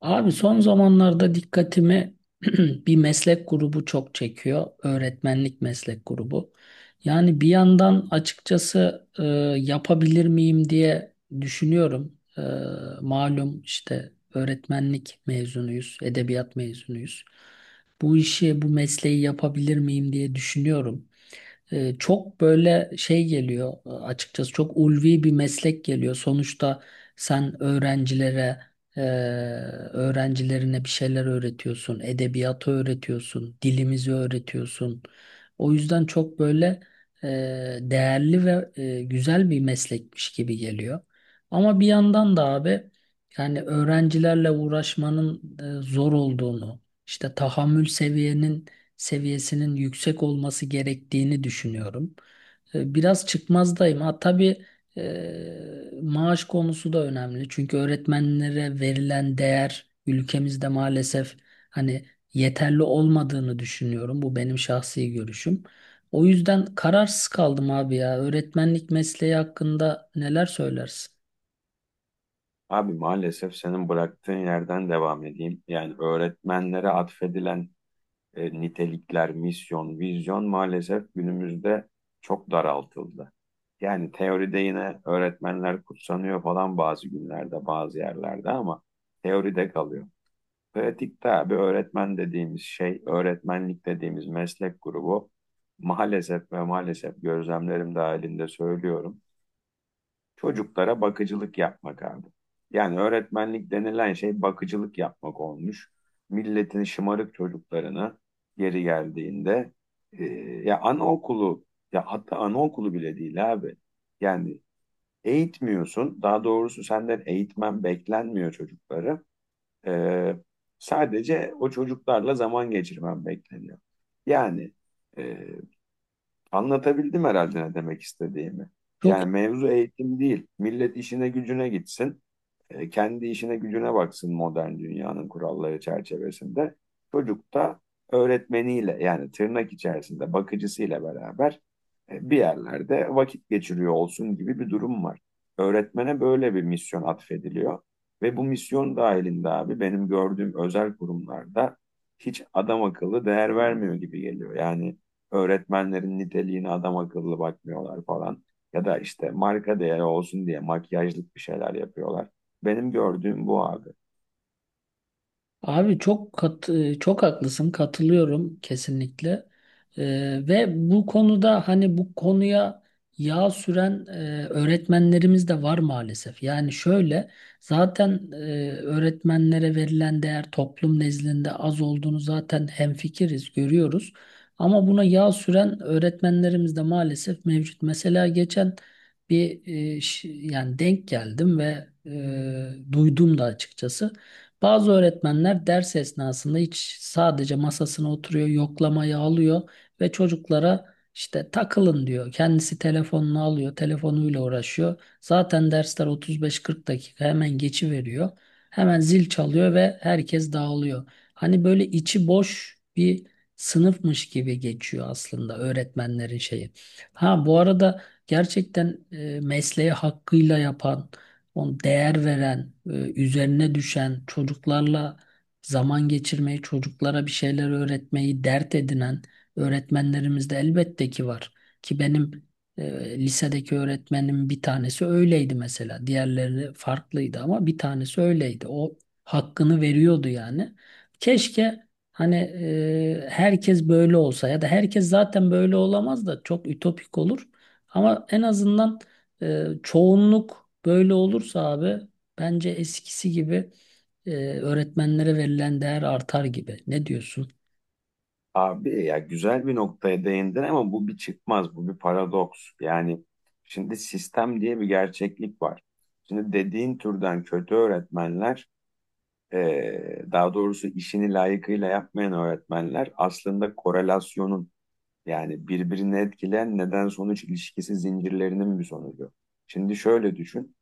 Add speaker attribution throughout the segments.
Speaker 1: Abi son zamanlarda dikkatimi bir meslek grubu çok çekiyor. Öğretmenlik meslek grubu. Yani bir yandan açıkçası yapabilir miyim diye düşünüyorum. Malum işte öğretmenlik mezunuyuz, edebiyat mezunuyuz. Bu işi, bu mesleği yapabilir miyim diye düşünüyorum, çok böyle şey geliyor, açıkçası çok ulvi bir meslek geliyor. Sonuçta sen öğrencilere e, öğrencilerine bir şeyler öğretiyorsun, edebiyatı öğretiyorsun, dilimizi öğretiyorsun. O yüzden çok böyle e, değerli ve güzel bir meslekmiş gibi geliyor. Ama bir yandan da abi yani öğrencilerle uğraşmanın zor olduğunu, işte tahammül seviyesinin yüksek olması gerektiğini düşünüyorum. Biraz çıkmazdayım. Ha tabii, maaş konusu da önemli. Çünkü öğretmenlere verilen değer ülkemizde maalesef hani yeterli olmadığını düşünüyorum. Bu benim şahsi görüşüm. O yüzden kararsız kaldım abi ya. Öğretmenlik mesleği hakkında neler söylersin?
Speaker 2: Abi maalesef senin bıraktığın yerden devam edeyim. Yani öğretmenlere atfedilen nitelikler, misyon, vizyon maalesef günümüzde çok daraltıldı. Yani teoride yine öğretmenler kutsanıyor falan bazı günlerde, bazı yerlerde ama teoride kalıyor. Pratikte abi öğretmen dediğimiz şey, öğretmenlik dediğimiz meslek grubu maalesef ve maalesef gözlemlerim dahilinde söylüyorum. Çocuklara bakıcılık yapmak abi. Yani öğretmenlik denilen şey bakıcılık yapmak olmuş. Milletin şımarık çocuklarına geri geldiğinde e, ya anaokulu ya hatta anaokulu bile değil abi. Yani eğitmiyorsun. Daha doğrusu senden eğitmen beklenmiyor çocukları. E, Sadece o çocuklarla zaman geçirmen bekleniyor. Yani e, anlatabildim herhalde ne demek istediğimi.
Speaker 1: Çok.
Speaker 2: Yani mevzu eğitim değil. Millet işine gücüne gitsin. Kendi işine gücüne baksın modern dünyanın kuralları çerçevesinde. Çocuk da öğretmeniyle yani tırnak içerisinde bakıcısıyla beraber bir yerlerde vakit geçiriyor olsun gibi bir durum var. Öğretmene böyle bir misyon atfediliyor. Ve bu misyon dahilinde abi benim gördüğüm özel kurumlarda hiç adam akıllı değer vermiyor gibi geliyor. Yani öğretmenlerin niteliğine adam akıllı bakmıyorlar falan. Ya da işte marka değeri olsun diye makyajlık bir şeyler yapıyorlar. Benim gördüğüm bu abi.
Speaker 1: Abi çok haklısın, katılıyorum kesinlikle. Ve bu konuda hani bu konuya yağ süren öğretmenlerimiz de var maalesef. Yani şöyle, zaten öğretmenlere verilen değer toplum nezdinde az olduğunu zaten hemfikiriz, görüyoruz ama buna yağ süren öğretmenlerimiz de maalesef mevcut. Mesela geçen bir yani denk geldim ve duydum da açıkçası. Bazı öğretmenler ders esnasında hiç sadece masasına oturuyor, yoklamayı alıyor ve çocuklara işte takılın diyor. Kendisi telefonunu alıyor, telefonuyla uğraşıyor. Zaten dersler 35-40 dakika hemen geçiveriyor. Hemen zil çalıyor ve herkes dağılıyor. Hani böyle içi boş bir sınıfmış gibi geçiyor aslında öğretmenlerin şeyi. Ha bu arada gerçekten mesleği hakkıyla yapan, on değer veren, üzerine düşen, çocuklarla zaman geçirmeyi, çocuklara bir şeyler öğretmeyi dert edinen öğretmenlerimiz de elbette ki var. Ki benim lisedeki öğretmenim bir tanesi öyleydi mesela. Diğerleri farklıydı ama bir tanesi öyleydi. O hakkını veriyordu yani. Keşke hani herkes böyle olsa ya da herkes zaten böyle olamaz da çok ütopik olur. Ama en azından çoğunluk böyle olursa abi bence eskisi gibi e, öğretmenlere verilen değer artar gibi. Ne diyorsun?
Speaker 2: Abi ya güzel bir noktaya değindin ama bu bir çıkmaz, bu bir paradoks. Yani şimdi sistem diye bir gerçeklik var. Şimdi dediğin türden kötü öğretmenler, daha doğrusu işini layıkıyla yapmayan öğretmenler aslında korelasyonun yani birbirini etkileyen neden sonuç ilişkisi zincirlerinin bir sonucu. Şimdi şöyle düşün.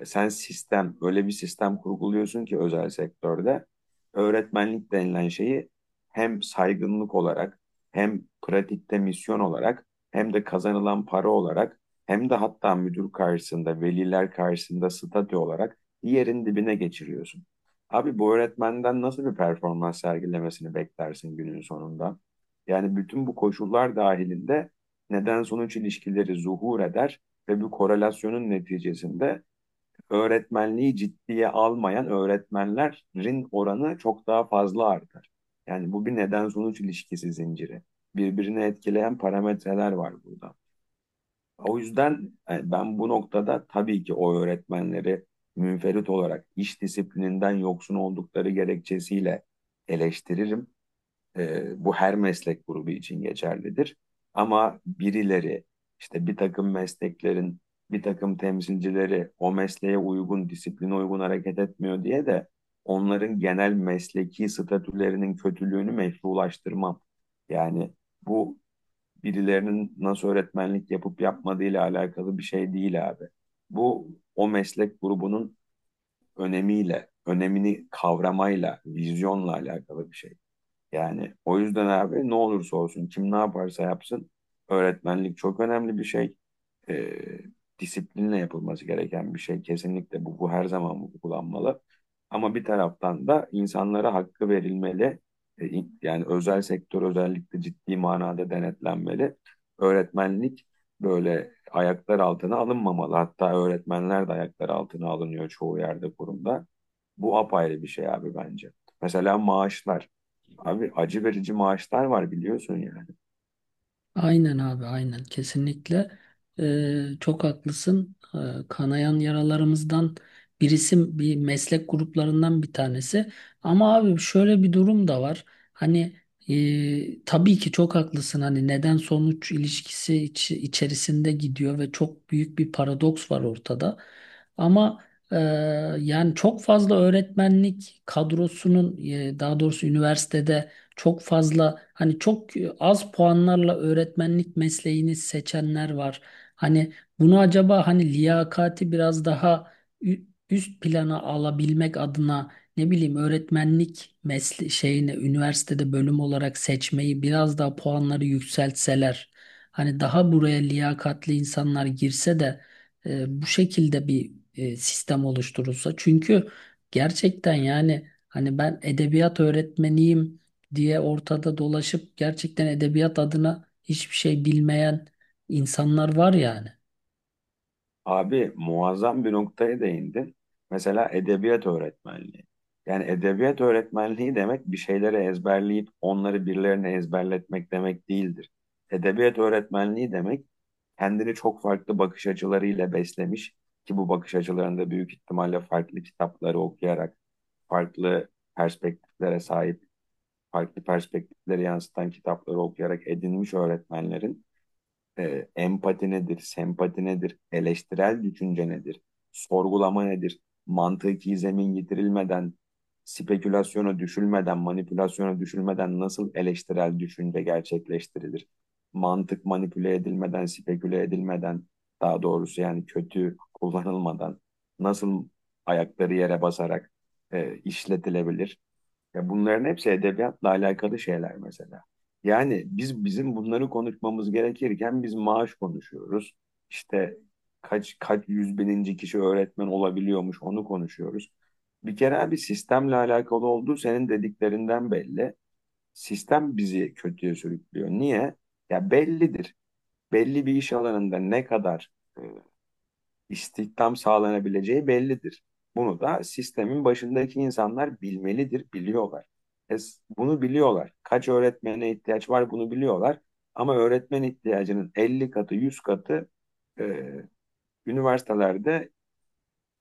Speaker 2: Sen sistem, öyle bir sistem kurguluyorsun ki özel sektörde öğretmenlik denilen şeyi hem saygınlık olarak, hem pratikte misyon olarak, hem de kazanılan para olarak, hem de hatta müdür karşısında, veliler karşısında statü olarak yerin dibine geçiriyorsun. Abi bu öğretmenden nasıl bir performans sergilemesini beklersin günün sonunda? Yani bütün bu koşullar dahilinde neden sonuç ilişkileri zuhur eder ve bu korelasyonun neticesinde öğretmenliği ciddiye almayan öğretmenlerin oranı çok daha fazla artar. Yani bu bir neden sonuç ilişkisi zinciri. Birbirini etkileyen parametreler var burada. O yüzden ben bu noktada tabii ki o öğretmenleri münferit olarak iş disiplininden yoksun oldukları gerekçesiyle eleştiririm. Bu her meslek grubu için geçerlidir. Ama birileri işte bir takım mesleklerin bir takım temsilcileri o mesleğe uygun, disipline uygun hareket etmiyor diye de onların genel mesleki statülerinin kötülüğünü meşrulaştırmam. Yani bu birilerinin nasıl öğretmenlik yapıp yapmadığıyla alakalı bir şey değil abi. Bu o meslek grubunun önemiyle, önemini kavramayla, vizyonla alakalı bir şey. Yani o yüzden abi ne olursa olsun kim ne yaparsa yapsın öğretmenlik çok önemli bir şey. Ee, Disiplinle yapılması gereken bir şey. Kesinlikle bu her zaman uygulanmalı. Ama bir taraftan da insanlara hakkı verilmeli. Yani özel sektör özellikle ciddi manada denetlenmeli. Öğretmenlik böyle ayaklar altına alınmamalı. Hatta öğretmenler de ayaklar altına alınıyor çoğu yerde kurumda. Bu apayrı bir şey abi bence. Mesela maaşlar. Abi acı verici maaşlar var biliyorsun yani.
Speaker 1: Aynen abi, aynen, kesinlikle. Çok haklısın. Kanayan yaralarımızdan birisi, bir meslek gruplarından bir tanesi ama abi şöyle bir durum da var. Hani tabii ki çok haklısın, hani neden sonuç ilişkisi içerisinde gidiyor ve çok büyük bir paradoks var ortada ama e, yani çok fazla öğretmenlik kadrosunun, daha doğrusu üniversitede çok fazla hani çok az puanlarla öğretmenlik mesleğini seçenler var. Hani bunu acaba hani liyakati biraz daha üst plana alabilmek adına, ne bileyim, öğretmenlik mesle şeyine üniversitede bölüm olarak seçmeyi biraz daha puanları yükseltseler, hani daha buraya liyakatli insanlar girse de bu şekilde bir sistem oluşturulsa, çünkü gerçekten yani hani ben edebiyat öğretmeniyim diye ortada dolaşıp gerçekten edebiyat adına hiçbir şey bilmeyen insanlar var yani.
Speaker 2: Abi muazzam bir noktaya değindin. Mesela edebiyat öğretmenliği. Yani edebiyat öğretmenliği demek bir şeyleri ezberleyip onları birilerine ezberletmek demek değildir. Edebiyat öğretmenliği demek kendini çok farklı bakış açılarıyla beslemiş ki bu bakış açılarında büyük ihtimalle farklı kitapları okuyarak, farklı perspektiflere sahip, farklı perspektifleri yansıtan kitapları okuyarak edinmiş öğretmenlerin empati nedir, sempati nedir, eleştirel düşünce nedir, sorgulama nedir, mantıki zemin getirilmeden, spekülasyona düşülmeden, manipülasyona düşülmeden nasıl eleştirel düşünce gerçekleştirilir? Mantık manipüle edilmeden, speküle edilmeden, daha doğrusu yani kötü kullanılmadan nasıl ayakları yere basarak işletilebilir? Ya bunların hepsi edebiyatla alakalı şeyler mesela. Yani bizim bunları konuşmamız gerekirken biz maaş konuşuyoruz. İşte kaç yüz bininci kişi öğretmen olabiliyormuş onu konuşuyoruz. Bir kere abi sistemle alakalı olduğu senin dediklerinden belli. Sistem bizi kötüye sürüklüyor. Niye? Ya bellidir. Belli bir iş alanında ne kadar e, istihdam sağlanabileceği bellidir. Bunu da sistemin başındaki insanlar bilmelidir, biliyorlar. E, Bunu biliyorlar. Kaç öğretmene ihtiyaç var bunu biliyorlar. Ama öğretmen ihtiyacının 50 katı, 100 katı e, üniversitelerde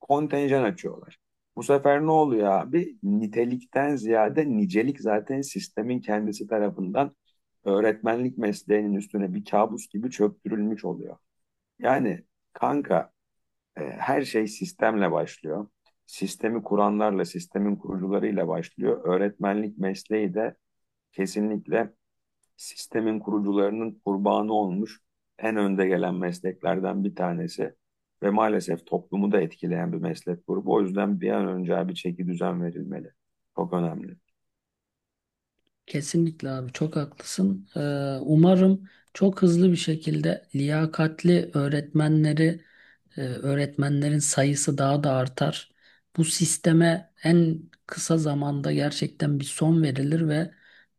Speaker 2: kontenjan açıyorlar. Bu sefer ne oluyor abi? Nitelikten ziyade nicelik zaten sistemin kendisi tarafından öğretmenlik mesleğinin üstüne bir kabus gibi çöktürülmüş oluyor. Yani kanka her şey sistemle başlıyor. Sistemi kuranlarla, sistemin kurucularıyla başlıyor. Öğretmenlik mesleği de kesinlikle sistemin kurucularının kurbanı olmuş en önde gelen mesleklerden bir tanesi ve maalesef toplumu da etkileyen bir meslek grubu. O yüzden bir an önce bir çeki düzen verilmeli. Çok önemli.
Speaker 1: Kesinlikle abi, çok haklısın. Umarım çok hızlı bir şekilde liyakatli öğretmenleri, öğretmenlerin sayısı daha da artar. Bu sisteme en kısa zamanda gerçekten bir son verilir ve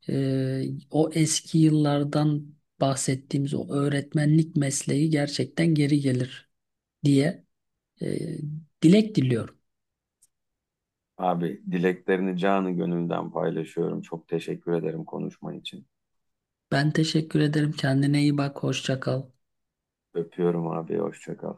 Speaker 1: e, o eski yıllardan bahsettiğimiz o öğretmenlik mesleği gerçekten geri gelir diye Ee, dilek diliyorum.
Speaker 2: Abi dileklerini canı gönülden paylaşıyorum. Çok teşekkür ederim konuşman için.
Speaker 1: Ben teşekkür ederim. Kendine iyi bak. Hoşça kal.
Speaker 2: Öpüyorum abi. Hoşça kal.